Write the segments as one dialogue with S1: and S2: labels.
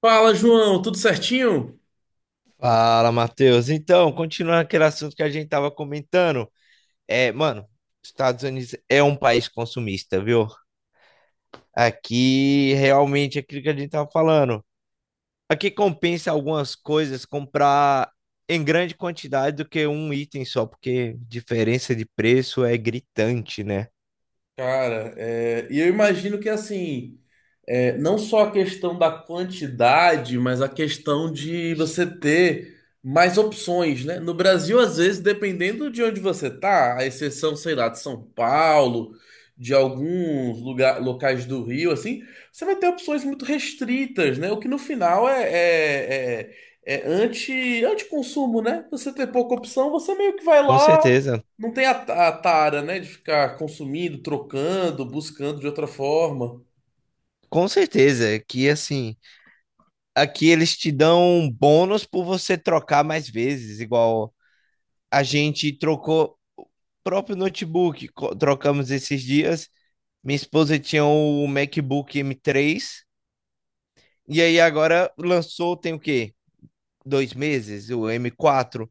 S1: Fala, João, tudo certinho?
S2: Fala, Matheus. Então, continuando aquele assunto que a gente tava comentando, mano, Estados Unidos é um país consumista, viu? Aqui, realmente, é aquilo que a gente tava falando. Aqui compensa algumas coisas comprar em grande quantidade do que um item só, porque diferença de preço é gritante, né?
S1: Cara, e eu imagino que assim, não só a questão da quantidade, mas a questão de você ter mais opções, né? No Brasil, às vezes, dependendo de onde você tá, a exceção, sei lá, de São Paulo, de alguns lugar, locais do Rio, assim, você vai ter opções muito restritas, né? O que no final é anti, anti-consumo, né? Você ter pouca opção, você meio que vai
S2: Com
S1: lá.
S2: certeza.
S1: Não tem a tara, né, de ficar consumindo, trocando, buscando de outra forma.
S2: Com certeza, que assim, aqui eles te dão um bônus por você trocar mais vezes, igual a gente trocou o próprio notebook, trocamos esses dias. Minha esposa tinha o MacBook M3 e aí agora lançou, tem o quê? 2 meses, o M4.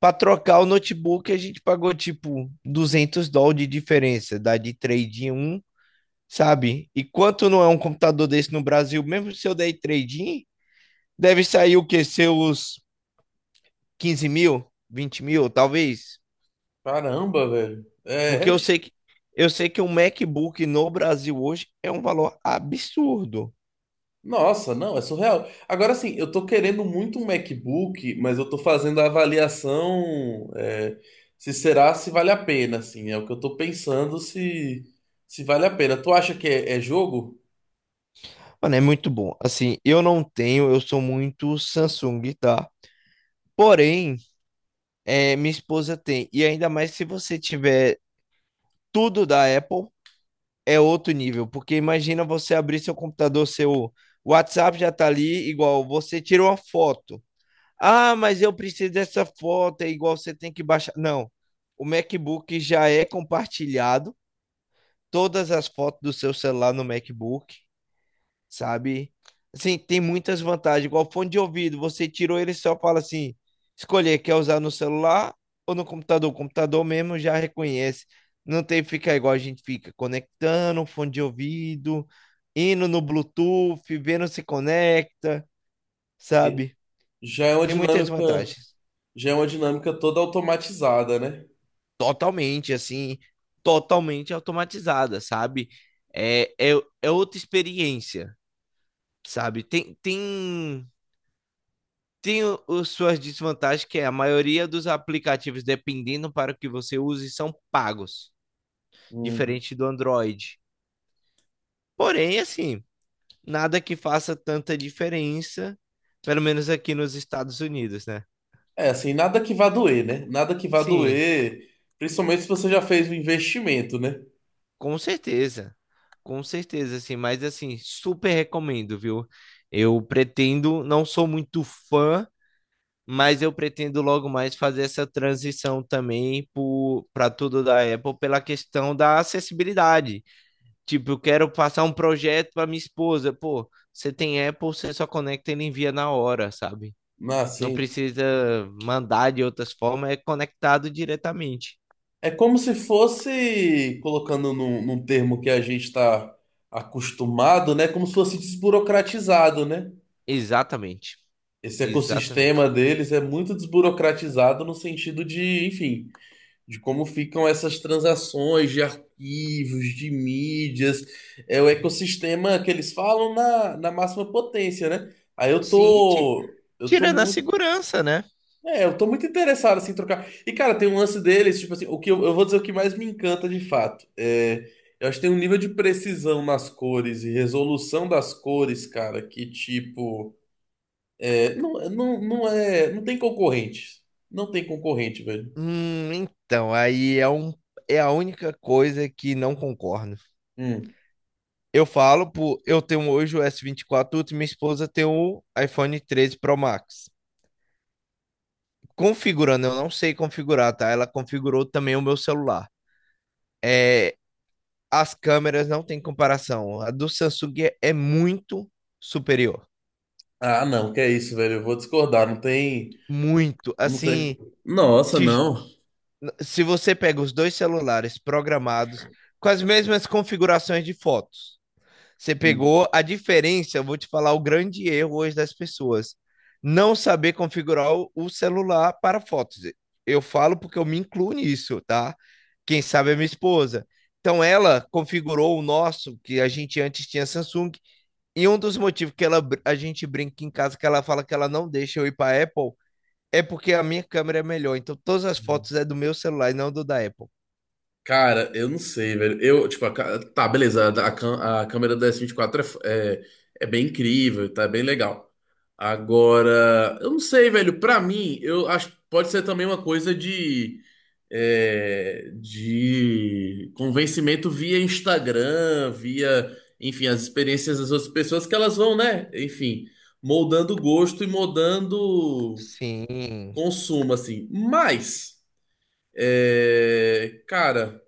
S2: Para trocar o notebook, a gente pagou tipo US$ 200 de diferença, dá de trade em um, sabe? E quanto não é um computador desse no Brasil, mesmo se eu der trade in, deve sair o quê? Seus 15 mil, 20 mil, talvez.
S1: Caramba, velho.
S2: Porque eu sei que um MacBook no Brasil hoje é um valor absurdo.
S1: Nossa, não, é surreal. Agora sim, eu tô querendo muito um MacBook, mas eu tô fazendo a avaliação, se será, se vale a pena, assim. É o que eu tô pensando se vale a pena. Tu acha que é jogo?
S2: Mano, é muito bom. Assim, eu não tenho, eu sou muito Samsung, tá? Porém, é, minha esposa tem. E ainda mais se você tiver tudo da Apple, é outro nível. Porque imagina você abrir seu computador, seu WhatsApp já tá ali, igual você tira uma foto. Ah, mas eu preciso dessa foto, é igual você tem que baixar. Não, o MacBook já é compartilhado todas as fotos do seu celular no MacBook, sabe? Assim, tem muitas vantagens. Igual fone de ouvido, você tirou ele e só fala assim, escolher, quer usar no celular ou no computador? O computador mesmo já reconhece. Não tem que ficar igual a gente fica, conectando o fone de ouvido, indo no Bluetooth, vendo se conecta,
S1: E-
S2: sabe?
S1: Já é uma
S2: Tem muitas
S1: dinâmica.
S2: vantagens.
S1: Já é uma dinâmica toda automatizada, né?
S2: Totalmente, assim, totalmente automatizada, sabe? É, é, é outra experiência, sabe? Tem suas desvantagens, que é a maioria dos aplicativos, dependendo para o que você use, são pagos,
S1: Hum.
S2: diferente do Android. Porém, assim, nada que faça tanta diferença, pelo menos aqui nos Estados Unidos, né?
S1: É, assim, nada que vá doer, né? Nada que vá
S2: Sim,
S1: doer, principalmente se você já fez um investimento, né?
S2: com certeza. Com certeza, assim, mas assim, super recomendo, viu? Eu pretendo, não sou muito fã, mas eu pretendo logo mais fazer essa transição também para tudo da Apple pela questão da acessibilidade. Tipo, eu quero passar um projeto para minha esposa. Pô, você tem Apple, você só conecta e ele envia na hora, sabe?
S1: Ah,
S2: Não
S1: sim.
S2: precisa mandar de outras formas, é conectado diretamente.
S1: É como se fosse, colocando num termo que a gente está acostumado, né? Como se fosse desburocratizado, né?
S2: Exatamente,
S1: Esse
S2: exatamente.
S1: ecossistema deles é muito desburocratizado no sentido de, enfim, de como ficam essas transações de arquivos, de mídias. É o ecossistema que eles falam na máxima potência, né? Aí eu
S2: Sim,
S1: tô. Eu tô
S2: tirando a
S1: muito.
S2: segurança, né?
S1: É, eu tô muito interessado assim, em trocar. E, cara, tem um lance deles, tipo assim, o que eu vou dizer o que mais me encanta de fato. É, eu acho que tem um nível de precisão nas cores e resolução das cores, cara, que tipo. Não é. Não tem concorrente. Não tem concorrente, velho.
S2: Então, é a única coisa que não concordo.
S1: Hum.
S2: Eu falo, pô, eu tenho hoje o S24 vinte e quatro Ultra e minha esposa tem o iPhone 13 Pro Max. Configurando, eu não sei configurar, tá? Ela configurou também o meu celular. É, as câmeras não tem comparação. A do Samsung é, é muito superior.
S1: Ah, não, que é isso, velho. Eu vou discordar. Não tem.
S2: Muito.
S1: Não tem.
S2: Assim,
S1: Nossa,
S2: te-
S1: não.
S2: se você pega os dois celulares programados com as mesmas configurações de fotos, você
S1: Hum.
S2: pegou a diferença. Eu vou te falar o grande erro hoje das pessoas: não saber configurar o celular para fotos. Eu falo porque eu me incluo nisso, tá? Quem sabe é minha esposa. Então ela configurou o nosso, que a gente antes tinha Samsung, e um dos motivos que a gente brinca em casa, que ela fala que ela não deixa eu ir para Apple, é porque a minha câmera é melhor. Então todas as fotos é do meu celular e não do da Apple.
S1: Cara, eu não sei, velho. Eu, tipo, tá, beleza. A a câmera da S24 é, é bem incrível, tá é bem legal. Agora, eu não sei, velho. Pra mim, eu acho que pode ser também uma coisa de, é, de convencimento via Instagram, via, enfim, as experiências das outras pessoas que elas vão, né? Enfim, moldando gosto e moldando
S2: Sim.
S1: consumo, assim. Mas, é, cara.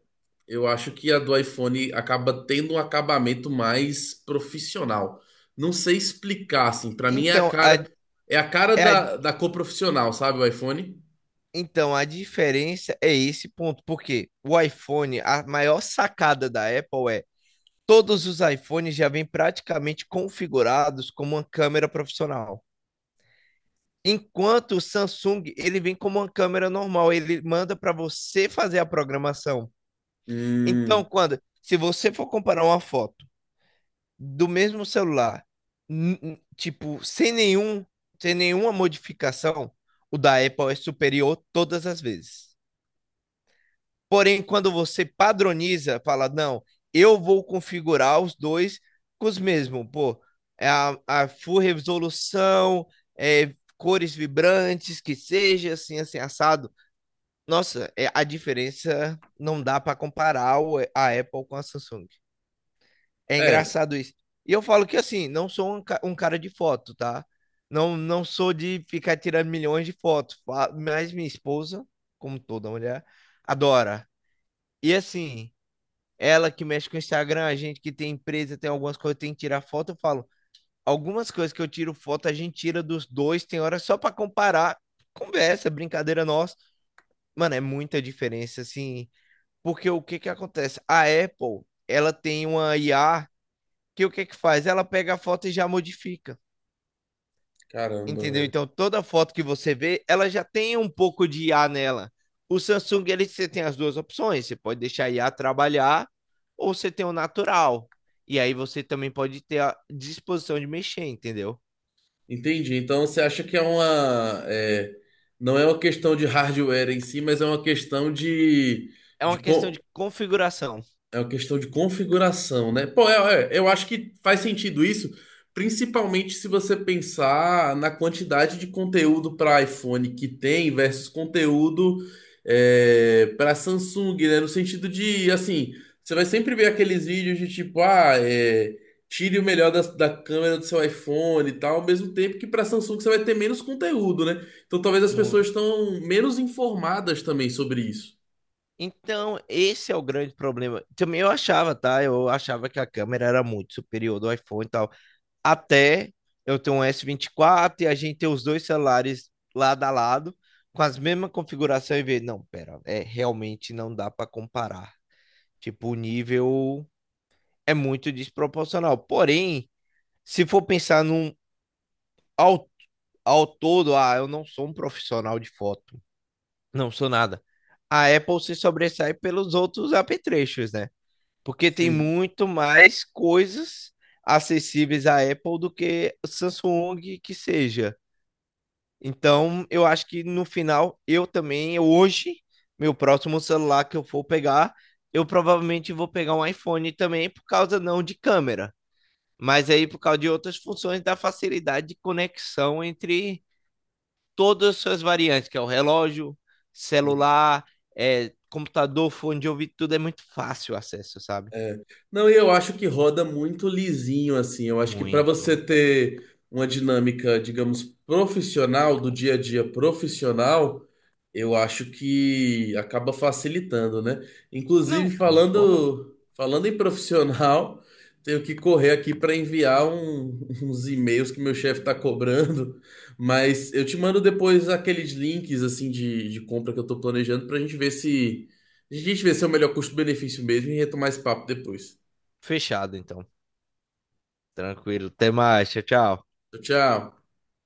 S1: Eu acho que a do iPhone acaba tendo um acabamento mais profissional. Não sei explicar, assim. Pra mim
S2: Então, a,
S1: é a cara
S2: é a
S1: da cor profissional, sabe, o iPhone?
S2: Então, a diferença é esse ponto, porque o iPhone, a maior sacada da Apple é todos os iPhones já vêm praticamente configurados como uma câmera profissional. Enquanto o Samsung, ele vem como uma câmera normal, ele manda para você fazer a programação.
S1: Hum,
S2: Então, quando se você for comparar uma foto do mesmo celular, tipo, sem nenhuma modificação, o da Apple é superior todas as vezes. Porém, quando você padroniza, fala, não, eu vou configurar os dois com os mesmos, pô, é a full resolução, é, cores vibrantes, que seja assim, assim, assado. Nossa, é, a diferença não dá para comparar a Apple com a Samsung. É
S1: é.
S2: engraçado isso. E eu falo que assim, não sou um cara de foto, tá? Não sou de ficar tirando milhões de fotos, mas minha esposa, como toda mulher, adora. E assim, ela que mexe com o Instagram, a gente que tem empresa, tem algumas coisas que tem que tirar foto, eu falo, algumas coisas que eu tiro foto, a gente tira dos dois, tem hora só para comparar, conversa, brincadeira nossa. Mano, é muita diferença, assim, porque o que que acontece? A Apple, ela tem uma IA que o que que faz? Ela pega a foto e já modifica.
S1: Caramba,
S2: Entendeu?
S1: velho.
S2: Então, toda foto que você vê, ela já tem um pouco de IA nela. O Samsung, ele, você tem as duas opções. Você pode deixar a IA trabalhar ou você tem o natural. E aí você também pode ter a disposição de mexer, entendeu?
S1: Entendi. Então você acha que é uma, é, não é uma questão de hardware em si, mas é uma questão de,
S2: É
S1: de
S2: uma questão
S1: co-
S2: de configuração.
S1: é uma questão de configuração, né? Pô, é, eu acho que faz sentido isso, principalmente se você pensar na quantidade de conteúdo para iPhone que tem versus conteúdo para Samsung, né? No sentido de, assim, você vai sempre ver aqueles vídeos de tipo, ah, é, tire o melhor da câmera do seu iPhone e tal, ao mesmo tempo que para Samsung você vai ter menos conteúdo, né? Então talvez as pessoas
S2: Muito.
S1: estão menos informadas também sobre isso.
S2: Então, esse é o grande problema. Também eu achava, tá? Eu achava que a câmera era muito superior do iPhone e tal, até eu ter um S24 e a gente ter os dois celulares lado a lado, com as mesmas configuração e ver, não, pera, é realmente não dá para comparar. Tipo, o nível é muito desproporcional. Porém, se for pensar num ao, ao todo, ah, eu não sou um profissional de foto, não sou nada. A Apple se sobressai pelos outros apetrechos, né? Porque tem
S1: Sim.
S2: muito mais coisas acessíveis à Apple do que Samsung que seja. Então, eu acho que no final, eu também, eu hoje, meu próximo celular que eu for pegar, eu provavelmente vou pegar um iPhone também, por causa não de câmera, mas aí por causa de outras funções da facilidade de conexão entre todas as suas variantes, que é o relógio, celular, é, computador, fone de ouvido, tudo é muito fácil o acesso, sabe?
S1: É. Não, e eu acho que roda muito lisinho, assim. Eu acho que para você
S2: Muito.
S1: ter uma dinâmica, digamos, profissional, do dia a dia profissional, eu acho que acaba facilitando, né?
S2: Não,
S1: Inclusive,
S2: concordo.
S1: falando em profissional, tenho que correr aqui para enviar uns e-mails que meu chefe está cobrando, mas eu te mando depois aqueles links, assim, de compra que eu tô planejando para a gente ver se. A gente vê se é o melhor custo-benefício mesmo e retomar esse papo depois.
S2: Fechado, então. Tranquilo. Até mais. Tchau, tchau.
S1: Tchau, tchau.